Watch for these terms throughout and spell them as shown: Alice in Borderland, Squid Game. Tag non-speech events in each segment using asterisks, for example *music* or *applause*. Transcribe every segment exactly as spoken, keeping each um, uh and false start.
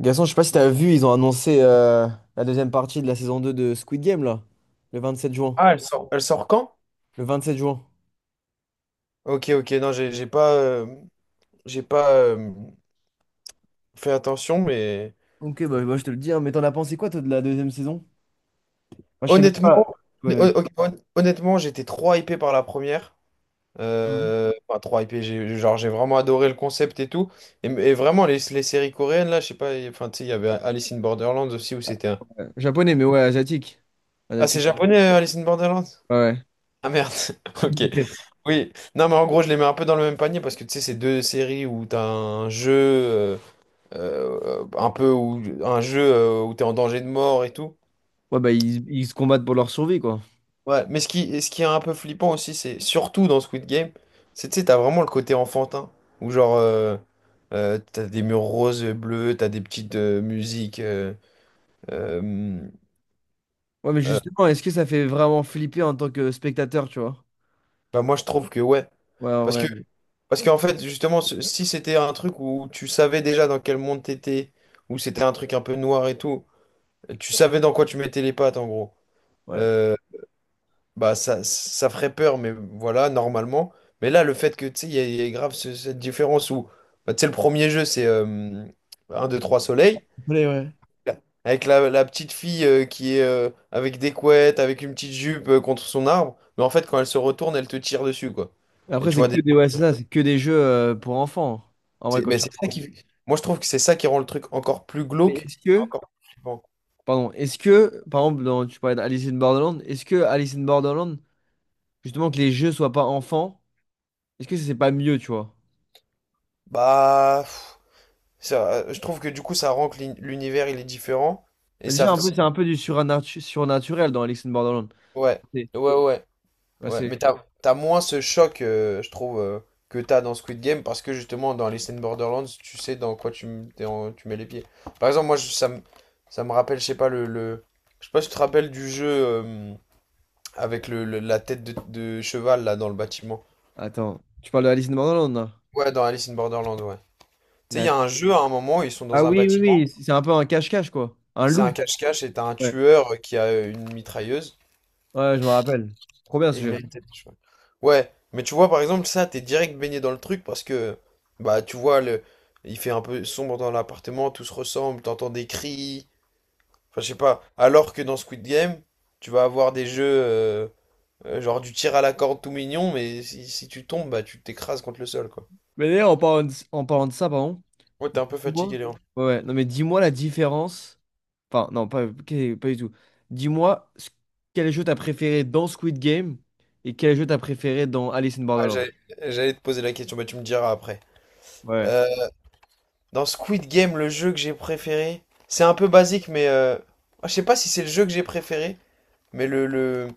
Gaston, je sais pas si t'as vu, ils ont annoncé euh, la deuxième partie de la saison deux de Squid Game, là. Le vingt-sept juin. Ah, elle sort, elle sort quand? Le vingt-sept juin. Ok, ok, non, j'ai j'ai pas, euh, j'ai pas euh, fait attention, mais Ok, bah, bah, je te le dis, hein, mais t'en as pensé quoi, toi, de la deuxième saison? Moi, je sais même honnêtement, pas. Ouais, hon- hon- hon- honnêtement, j'étais trop hypé par la première. Euh, enfin, trop hypé, j'ai, genre, j'ai vraiment adoré le concept et tout. Et, et vraiment, les, les séries coréennes, là, je sais pas, et- enfin, tu sais, il y avait Alice in Borderlands aussi où c'était un. euh, japonais, mais ouais, asiatique. Ah, c'est Asiatique. japonais, euh, Alice in Borderlands? Ouais. Ah merde, *laughs* ok. Ouais, Oui, non, mais en gros, je les mets un peu dans le même panier parce que tu sais, c'est deux séries où t'as un jeu. euh, euh, un peu où, un jeu euh, où t'es en danger de mort et tout. ouais, bah, ils, ils se combattent pour leur survie, quoi. Ouais. Mais ce qui, ce qui est un peu flippant aussi, c'est surtout dans Squid Game, c'est, tu sais, t'as vraiment le côté enfantin, où genre, euh, euh, t'as des murs roses et bleus, t'as des petites euh, musiques. euh, euh, Ouais, mais euh, justement, est-ce que ça fait vraiment flipper en tant que spectateur, tu vois? Bah moi, je trouve que ouais. Ouais, en Parce vrai. que, Parce qu'en fait, justement, ce- si c'était un truc où tu savais déjà dans quel monde t'étais, où c'était un truc un peu noir et tout, tu savais dans quoi tu mettais les pattes, en gros. Ouais. Euh, Bah, ça, ça ferait peur, mais voilà, normalement. Mais là, le fait que, tu sais, il y, a il y a grave ce- cette différence où, bah, tu sais, le premier jeu, c'est euh, un deux trois soleil. Ouais, ouais. Avec la, la petite fille euh, qui est euh, avec des couettes, avec une petite jupe euh, contre son arbre. Mais en fait, quand elle se retourne, elle te tire dessus, quoi. Et Après, tu c'est vois, des- que des, ouais, c'est ça, c'est que des jeux euh, pour enfants. En vrai, c'est quand mais tu... c'est ça qui... Moi, je trouve que c'est ça qui rend le truc encore plus Mais glauque. est-ce que... Encore plus flippant. Pardon, est-ce que, par exemple, dans, tu parlais d'Alice in Borderland, est-ce que Alice in Borderland, justement, que les jeux soient pas enfants, est-ce que c'est pas mieux, tu vois? Bah, pff, ça, euh, je trouve que du coup, ça rend que l'uni- l'univers, il est différent. Et Bah, ça... déjà, un peu, c'est un peu du suranatu- surnaturel dans Alice in Borderland. Ouais, C'est, ouais, ouais. bah, Ouais, c'est- mais t'as, t'as moins ce choc, euh, je trouve, euh, que t'as dans Squid Game, parce que justement, dans les scènes Borderlands, tu sais dans quoi tu, m- t'es en- tu mets les pieds. Par exemple, moi, je- ça me, ça me rappelle, je sais pas, le, le- Je sais pas si tu te rappelles du jeu euh, avec le, le- la tête de, de cheval, là, dans le bâtiment. attends, tu parles de Alice in Borderland, là? Ouais, dans Alice in Borderland, ouais. Tu sais, il y La- a un jeu, à un moment, ils sont Ah dans un oui, oui, oui, bâtiment, c'est un peu un cache-cache, quoi. Un c'est un loup. cache-cache, et t'as un Ouais, tueur qui a une mitrailleuse. ouais, je me rappelle. Trop bien ce Et il a jeu. une tête de cheval. Ouais, mais tu vois, par exemple, ça, t'es direct baigné dans le truc parce que, bah, tu vois, le... il fait un peu sombre dans l'appartement, tout se ressemble, t'entends des cris, enfin, je sais pas. Alors que dans Squid Game, tu vas avoir des jeux, euh, euh, genre du tir à la corde tout mignon, mais si, si tu tombes, bah, tu t'écrases contre le sol, quoi. Mais d'ailleurs, en parlant de, en parlant de ça, pardon. Ouais, t'es un peu fatigué, Dis-moi. Léon. Ouais, ouais. Non mais dis-moi la différence. Enfin, non, pas, que- pas du tout. Dis-moi ce- quel jeu t'as préféré dans Squid Game et quel jeu t'as préféré dans Alice in Ah, Borderland. j'allais j'allais te poser la question, mais tu me diras après. Ouais. Euh, Dans Squid Game, le jeu que j'ai préféré, c'est un peu basique, mais euh, ah, je sais pas si c'est le jeu que j'ai préféré, mais le, le,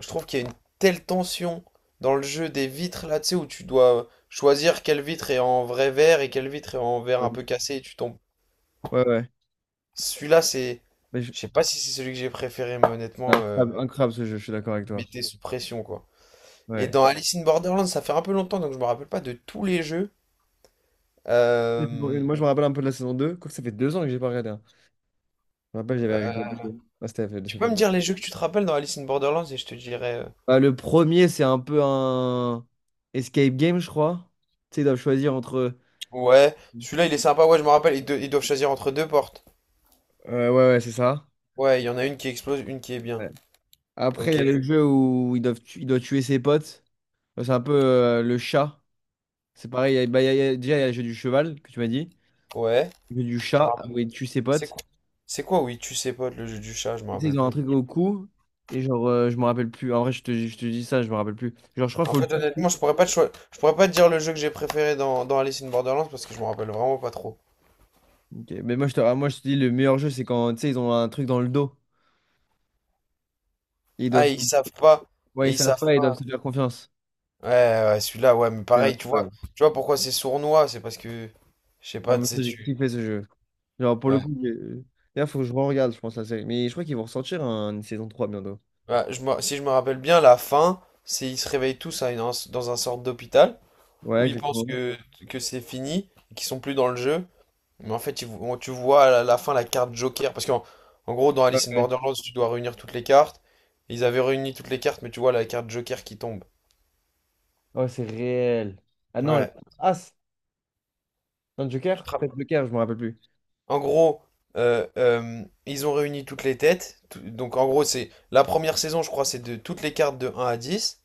je trouve qu'il y a une telle tension dans le jeu des vitres là, tu sais, où tu dois choisir quelle vitre est en vrai verre et quelle vitre est en verre Euh, un peu cassé et tu tombes. ouais, ouais. Celui-là, c'est. Mais je- Je sais pas si c'est celui que j'ai préféré, mais honnêtement, euh, incroyable, incroyable ce jeu, je suis d'accord avec toi. mettez sous pression, quoi. Et Ouais. dans Alice in Borderland, ça fait un peu longtemps, donc je me rappelle pas de tous les jeux. La saison Euh, une, moi, je me rappelle un peu de la saison deux, quoique ça fait deux ans que j'ai pas regardé, hein. Je me rappelle, euh, j'avais regardé. Ouais, c'était- Tu ça peux fait- me dire les jeux que tu te rappelles dans Alice in Borderlands et je te dirai. euh, bah, le premier, c'est un peu un escape game, je crois. Tu sais, ils doivent choisir entre. Ouais, celui-là il est sympa, ouais, je me rappelle, ils, do- ils doivent choisir entre deux portes. Euh, ouais, ouais, c'est ça. Ouais, il y en a une qui explose, une qui est bien. Après, il y Ok, a le jeu où il doit, il doit tuer ses potes. Enfin, c'est un peu euh, le chat. C'est pareil, il y a- bah, il y a- il y a- déjà, il y a le jeu du cheval que tu m'as dit. ouais. Le jeu du chat où il tue ses C'est potes. quoi? C'est quoi, oui, tu sais pas, le jeu du chat, je me Et tu sais, rappelle ils ont un plus. truc au cou. Et genre, euh, je me rappelle plus. En vrai, je te, je te dis ça, je me rappelle plus. Genre, je crois qu'il En faut le fait, toucher. honnêtement, je pourrais pas te choi- je pourrais pas te dire le jeu que j'ai préféré dans, dans Alice in Borderlands parce que je me rappelle vraiment pas trop. Ok. Mais moi je, te, ah, moi, je te dis, le meilleur jeu, c'est quand, tu sais, ils ont un truc dans le dos. Et ils Ah, doivent, et ils savent pas. ouais, Et ils ils savent savent pas, ils doivent pas. se faire confiance. Ouais, ouais, celui-là, ouais, mais C'est pareil, tu vois, incroyable. tu vois pourquoi c'est sournois, c'est parce que, je sais Ah, pas, tu mais ça, sais, j'ai tu... kiffé ce jeu. Genre, pour le Ouais. coup, j'ai- d'ailleurs, faut que je re-regarde, je pense, la série. Mais je crois qu'ils vont ressortir un- une saison trois bientôt. Ouais, je me- si je me rappelle bien, la fin, c'est ils se réveillent tous à une- dans un sorte d'hôpital, Ouais, où ils pensent exactement. que, que c'est fini, qu'ils sont plus dans le jeu. Mais en fait, tu vo- tu vois à la fin la carte Joker. Parce qu'en En gros, dans Ouais, Alice in ouais. Borderlands, tu dois réunir toutes les cartes. Ils avaient réuni toutes les cartes, mais tu vois la carte Joker qui tombe. Oh, c'est réel. Ah non, là. Ouais. As. Non, Tu te Joker? rappelles. Peut-être Joker, je me rappelle plus. En gros, euh, euh, ils ont réuni toutes les têtes. Tout- Donc en gros, c'est la première saison, je crois, c'est de toutes les cartes de un à dix.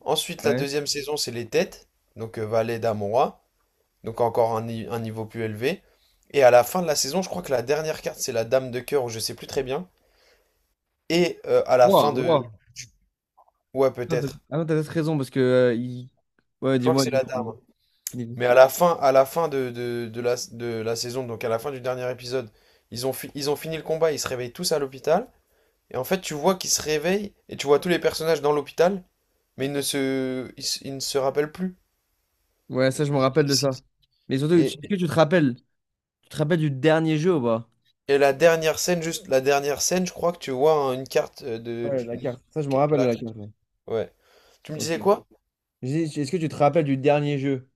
Ensuite, la Ouais. deuxième saison, c'est les têtes. Donc euh, valet, dame, roi. Donc encore un, ni- un niveau plus élevé. Et à la fin de la saison, je crois que la dernière carte, c'est la dame de cœur, ou je sais plus très bien. Et euh, à la Roi, fin roi. de... Ouais, Ah t'as peut-être. ah non, t'as peut-être raison parce que. euh, il- Ouais, Je crois que dis-moi, c'est la dis-moi. dame. Fini. Mais à la fin, à la fin de, de- de la, de la saison, donc à la fin du dernier épisode, ils ont, fi- ils ont fini le combat, ils se réveillent tous à l'hôpital. Et en fait, tu vois qu'ils se réveillent et tu vois tous les personnages dans l'hôpital, mais ils ne se, ils, se- ils ne se rappellent plus. Ouais, ça, je me rappelle de ça. Mais surtout, tu, que Et, tu te rappelles? Tu te rappelles du dernier jeu ou pas? et la dernière scène, juste la dernière scène, je crois que tu vois hein, une carte euh, de. Ouais, la carte. Ça, je me une- rappelle de la- la carte, ouais. Ouais. Tu me Ok. disais quoi? J'ai dit, est-ce que tu te rappelles du dernier jeu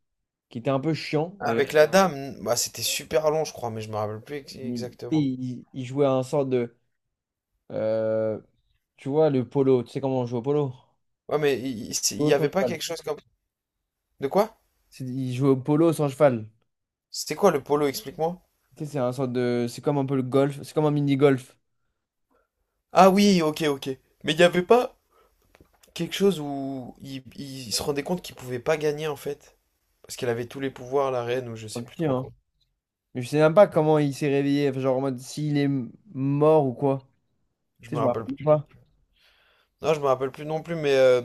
qui était un peu chiant Avec d'ailleurs? la dame, bah c'était super long, je crois, mais je me rappelle plus ex- Il, exactement. il- il jouait à un sort de. euh, Tu vois, le polo. Tu sais comment on joue au polo? Ouais, mais il il- il Polo y sans avait pas cheval. quelque chose comme. De quoi? C'est- Il joue au polo sans cheval. C'était quoi le polo, explique-moi? Tu sais, c'est un sorte de. C'est comme un peu le golf. C'est comme un mini-golf. Ah oui, ok, ok. Mais il n'y avait pas quelque chose où il, il se rendait compte qu'il pouvait pas gagner en fait? Parce qu'elle avait tous les pouvoirs, la reine, ou je Pas sais que plus si, trop quoi. hein. Mais je sais même pas comment il s'est réveillé. Enfin, genre en mode s'il est m- mort ou quoi. Je Tu me sais, je me rappelle rappelle plus. pas. Non, je me rappelle plus non plus, mais, euh,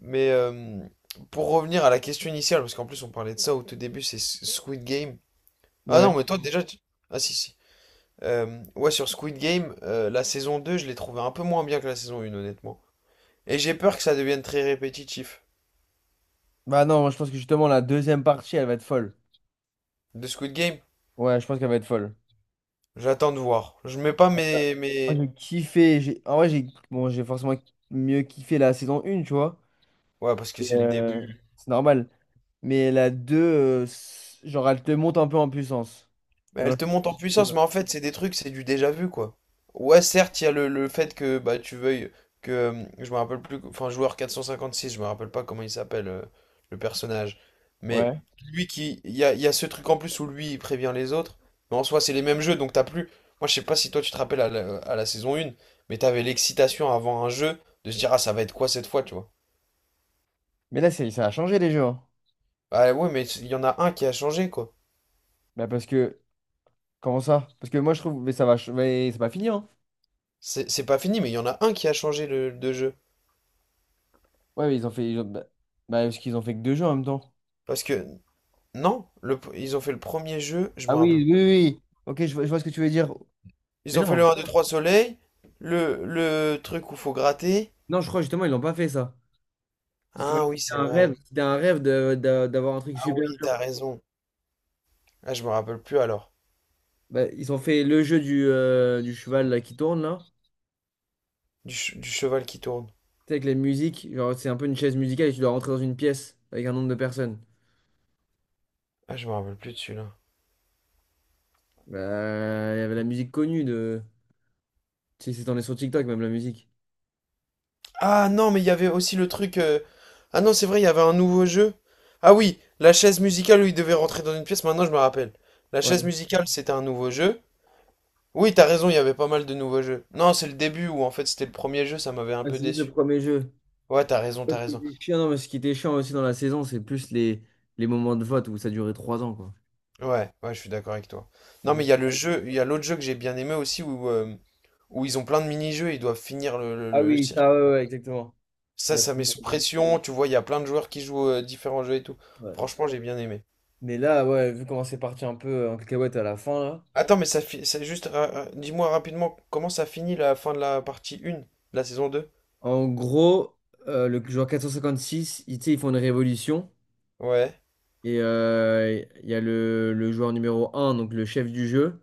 mais euh, pour revenir à la question initiale, parce qu'en plus on parlait de ça au tout début, c'est S- Squid Game. Ah Ouais. non, mais toi déjà. Tu- Ah si, si. Euh, ouais, sur Squid Game, euh, la saison deux je l'ai trouvée un peu moins bien que la saison un, honnêtement. Et j'ai peur que ça devienne très répétitif. Bah non, moi je pense que justement la deuxième partie, elle va être folle. De Squid Game, Ouais, je pense qu'elle va être folle. j'attends de voir. Je mets pas mes, Moi mes... j'ai kiffé. j'ai- En vrai, j'ai bon, j'ai forcément mieux kiffé la saison un, tu vois. Ouais, parce que Et, c'est le euh, début. c'est normal. Mais la deux euh, c- genre elle te monte un peu en puissance. Mais Genre, elle te monte en puissance, mais en fait, c'est des trucs, c'est du déjà vu, quoi. Ouais, certes, il y a le, le fait que bah tu veuilles que... euh, Je me rappelle plus... Enfin, joueur quatre cent cinquante-six, je me rappelle pas comment il s'appelle, euh, le personnage. Mais ouais. lui qui... Il y a, il y a ce truc en plus où lui, il prévient les autres. Mais en soi, c'est les mêmes jeux, donc t'as plus... Moi, je sais pas si toi, tu te rappelles à la, à la saison un, mais t'avais l'excitation avant un jeu de se dire, ah, ça va être quoi cette fois, tu vois. Mais là, c'est- ça a changé les jeux, hein. Ah ouais, mais il y en a un qui a changé, quoi. Bah, parce que comment ça? Parce que moi je trouve. Mais ça va. ch- Mais c'est pas fini, hein? C'est c'est pas fini, mais il y en a un qui a changé le, de jeu. Ouais, mais ils ont fait. ils ont- Bah, bah, parce qu'ils ont fait que deux jeux en même temps. Parce que, non, le, ils ont fait le premier jeu, je me Ah oui, rappelle plus. oui, oui. oui. Ok, je vois, je vois ce que tu veux dire. Mais Ils ont fait non. le un deux trois soleil, le, le truc où faut gratter. Non, je crois justement, ils l'ont pas fait ça. Parce que Ah c'était oui, c'est un vrai. rêve, c'était un rêve de, de- d'avoir un truc Ah super oui, dur. t'as raison. Ah, je me rappelle plus alors. Bah, ils ont fait le jeu du, euh, du cheval là, qui tourne là. Du, ch- du cheval qui tourne. Tu sais, avec les musiques. Genre, c'est un peu une chaise musicale et tu dois rentrer dans une pièce avec un nombre de personnes. Ah, je me rappelle plus de celui-là. Bah, il y avait la musique connue de. Tu sais, c'est en est sur TikTok même la musique. Ah non, mais il y avait aussi le truc. euh, Ah non, c'est vrai, il y avait un nouveau jeu. Ah oui, la chaise musicale où il devait rentrer dans une pièce, maintenant je me rappelle. La chaise Ouais. musicale, c'était un nouveau jeu. Oui, t'as raison, il y avait pas mal de nouveaux jeux. Non, c'est le début où en fait c'était le premier jeu, ça m'avait un Ah, peu c'est juste le déçu. premier jeu. Ouais, t'as raison, Ouais, t'as ce qui raison. était chiant, non, mais ce qui était chiant aussi dans la saison, c'est plus les, les moments de vote où ça durait trois ans, quoi. Ouais, ouais, je suis d'accord avec toi. C'est Non, mais il y a juste- le jeu, il y a l'autre jeu que j'ai bien aimé aussi où, euh, où ils ont plein de mini-jeux, ils doivent finir le, le, Ah le oui, circuit. ça, ouais, ouais, exactement. Il Ça, y a ça plus met sous pression, tu vois, il y a plein de joueurs qui jouent euh, différents jeux et tout. ouais. Franchement, j'ai bien aimé. Mais là, ouais, vu comment c'est parti un peu euh, en cacahuète à la fin, là. Attends, mais ça fi- c'est juste, ra- ra- dis-moi rapidement, comment ça finit la fin de la partie un, de la saison deux. En gros, euh, le joueur quatre cent cinquante-six, ils, tu sais, ils font une révolution. Ouais. Et euh, il y a le, le joueur numéro un, donc le chef du jeu,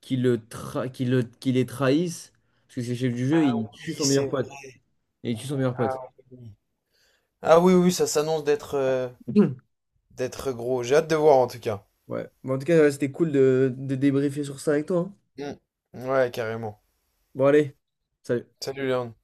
qui, le tra- qui, le, qui les trahisse. Parce que c'est le chef du jeu, Ah il oui, tue son meilleur c'est vrai. pote. Et il tue son meilleur Ah pote. oui. Ah oui, oui, ça s'annonce d'être euh, *clears throat* d'être gros. J'ai hâte de voir en tout cas. Ouais. Mais en tout cas, ouais, c'était cool de, de débriefer sur ça avec toi, hein. Mm. Ouais, carrément. Bon, allez. Salut. Salut Léon.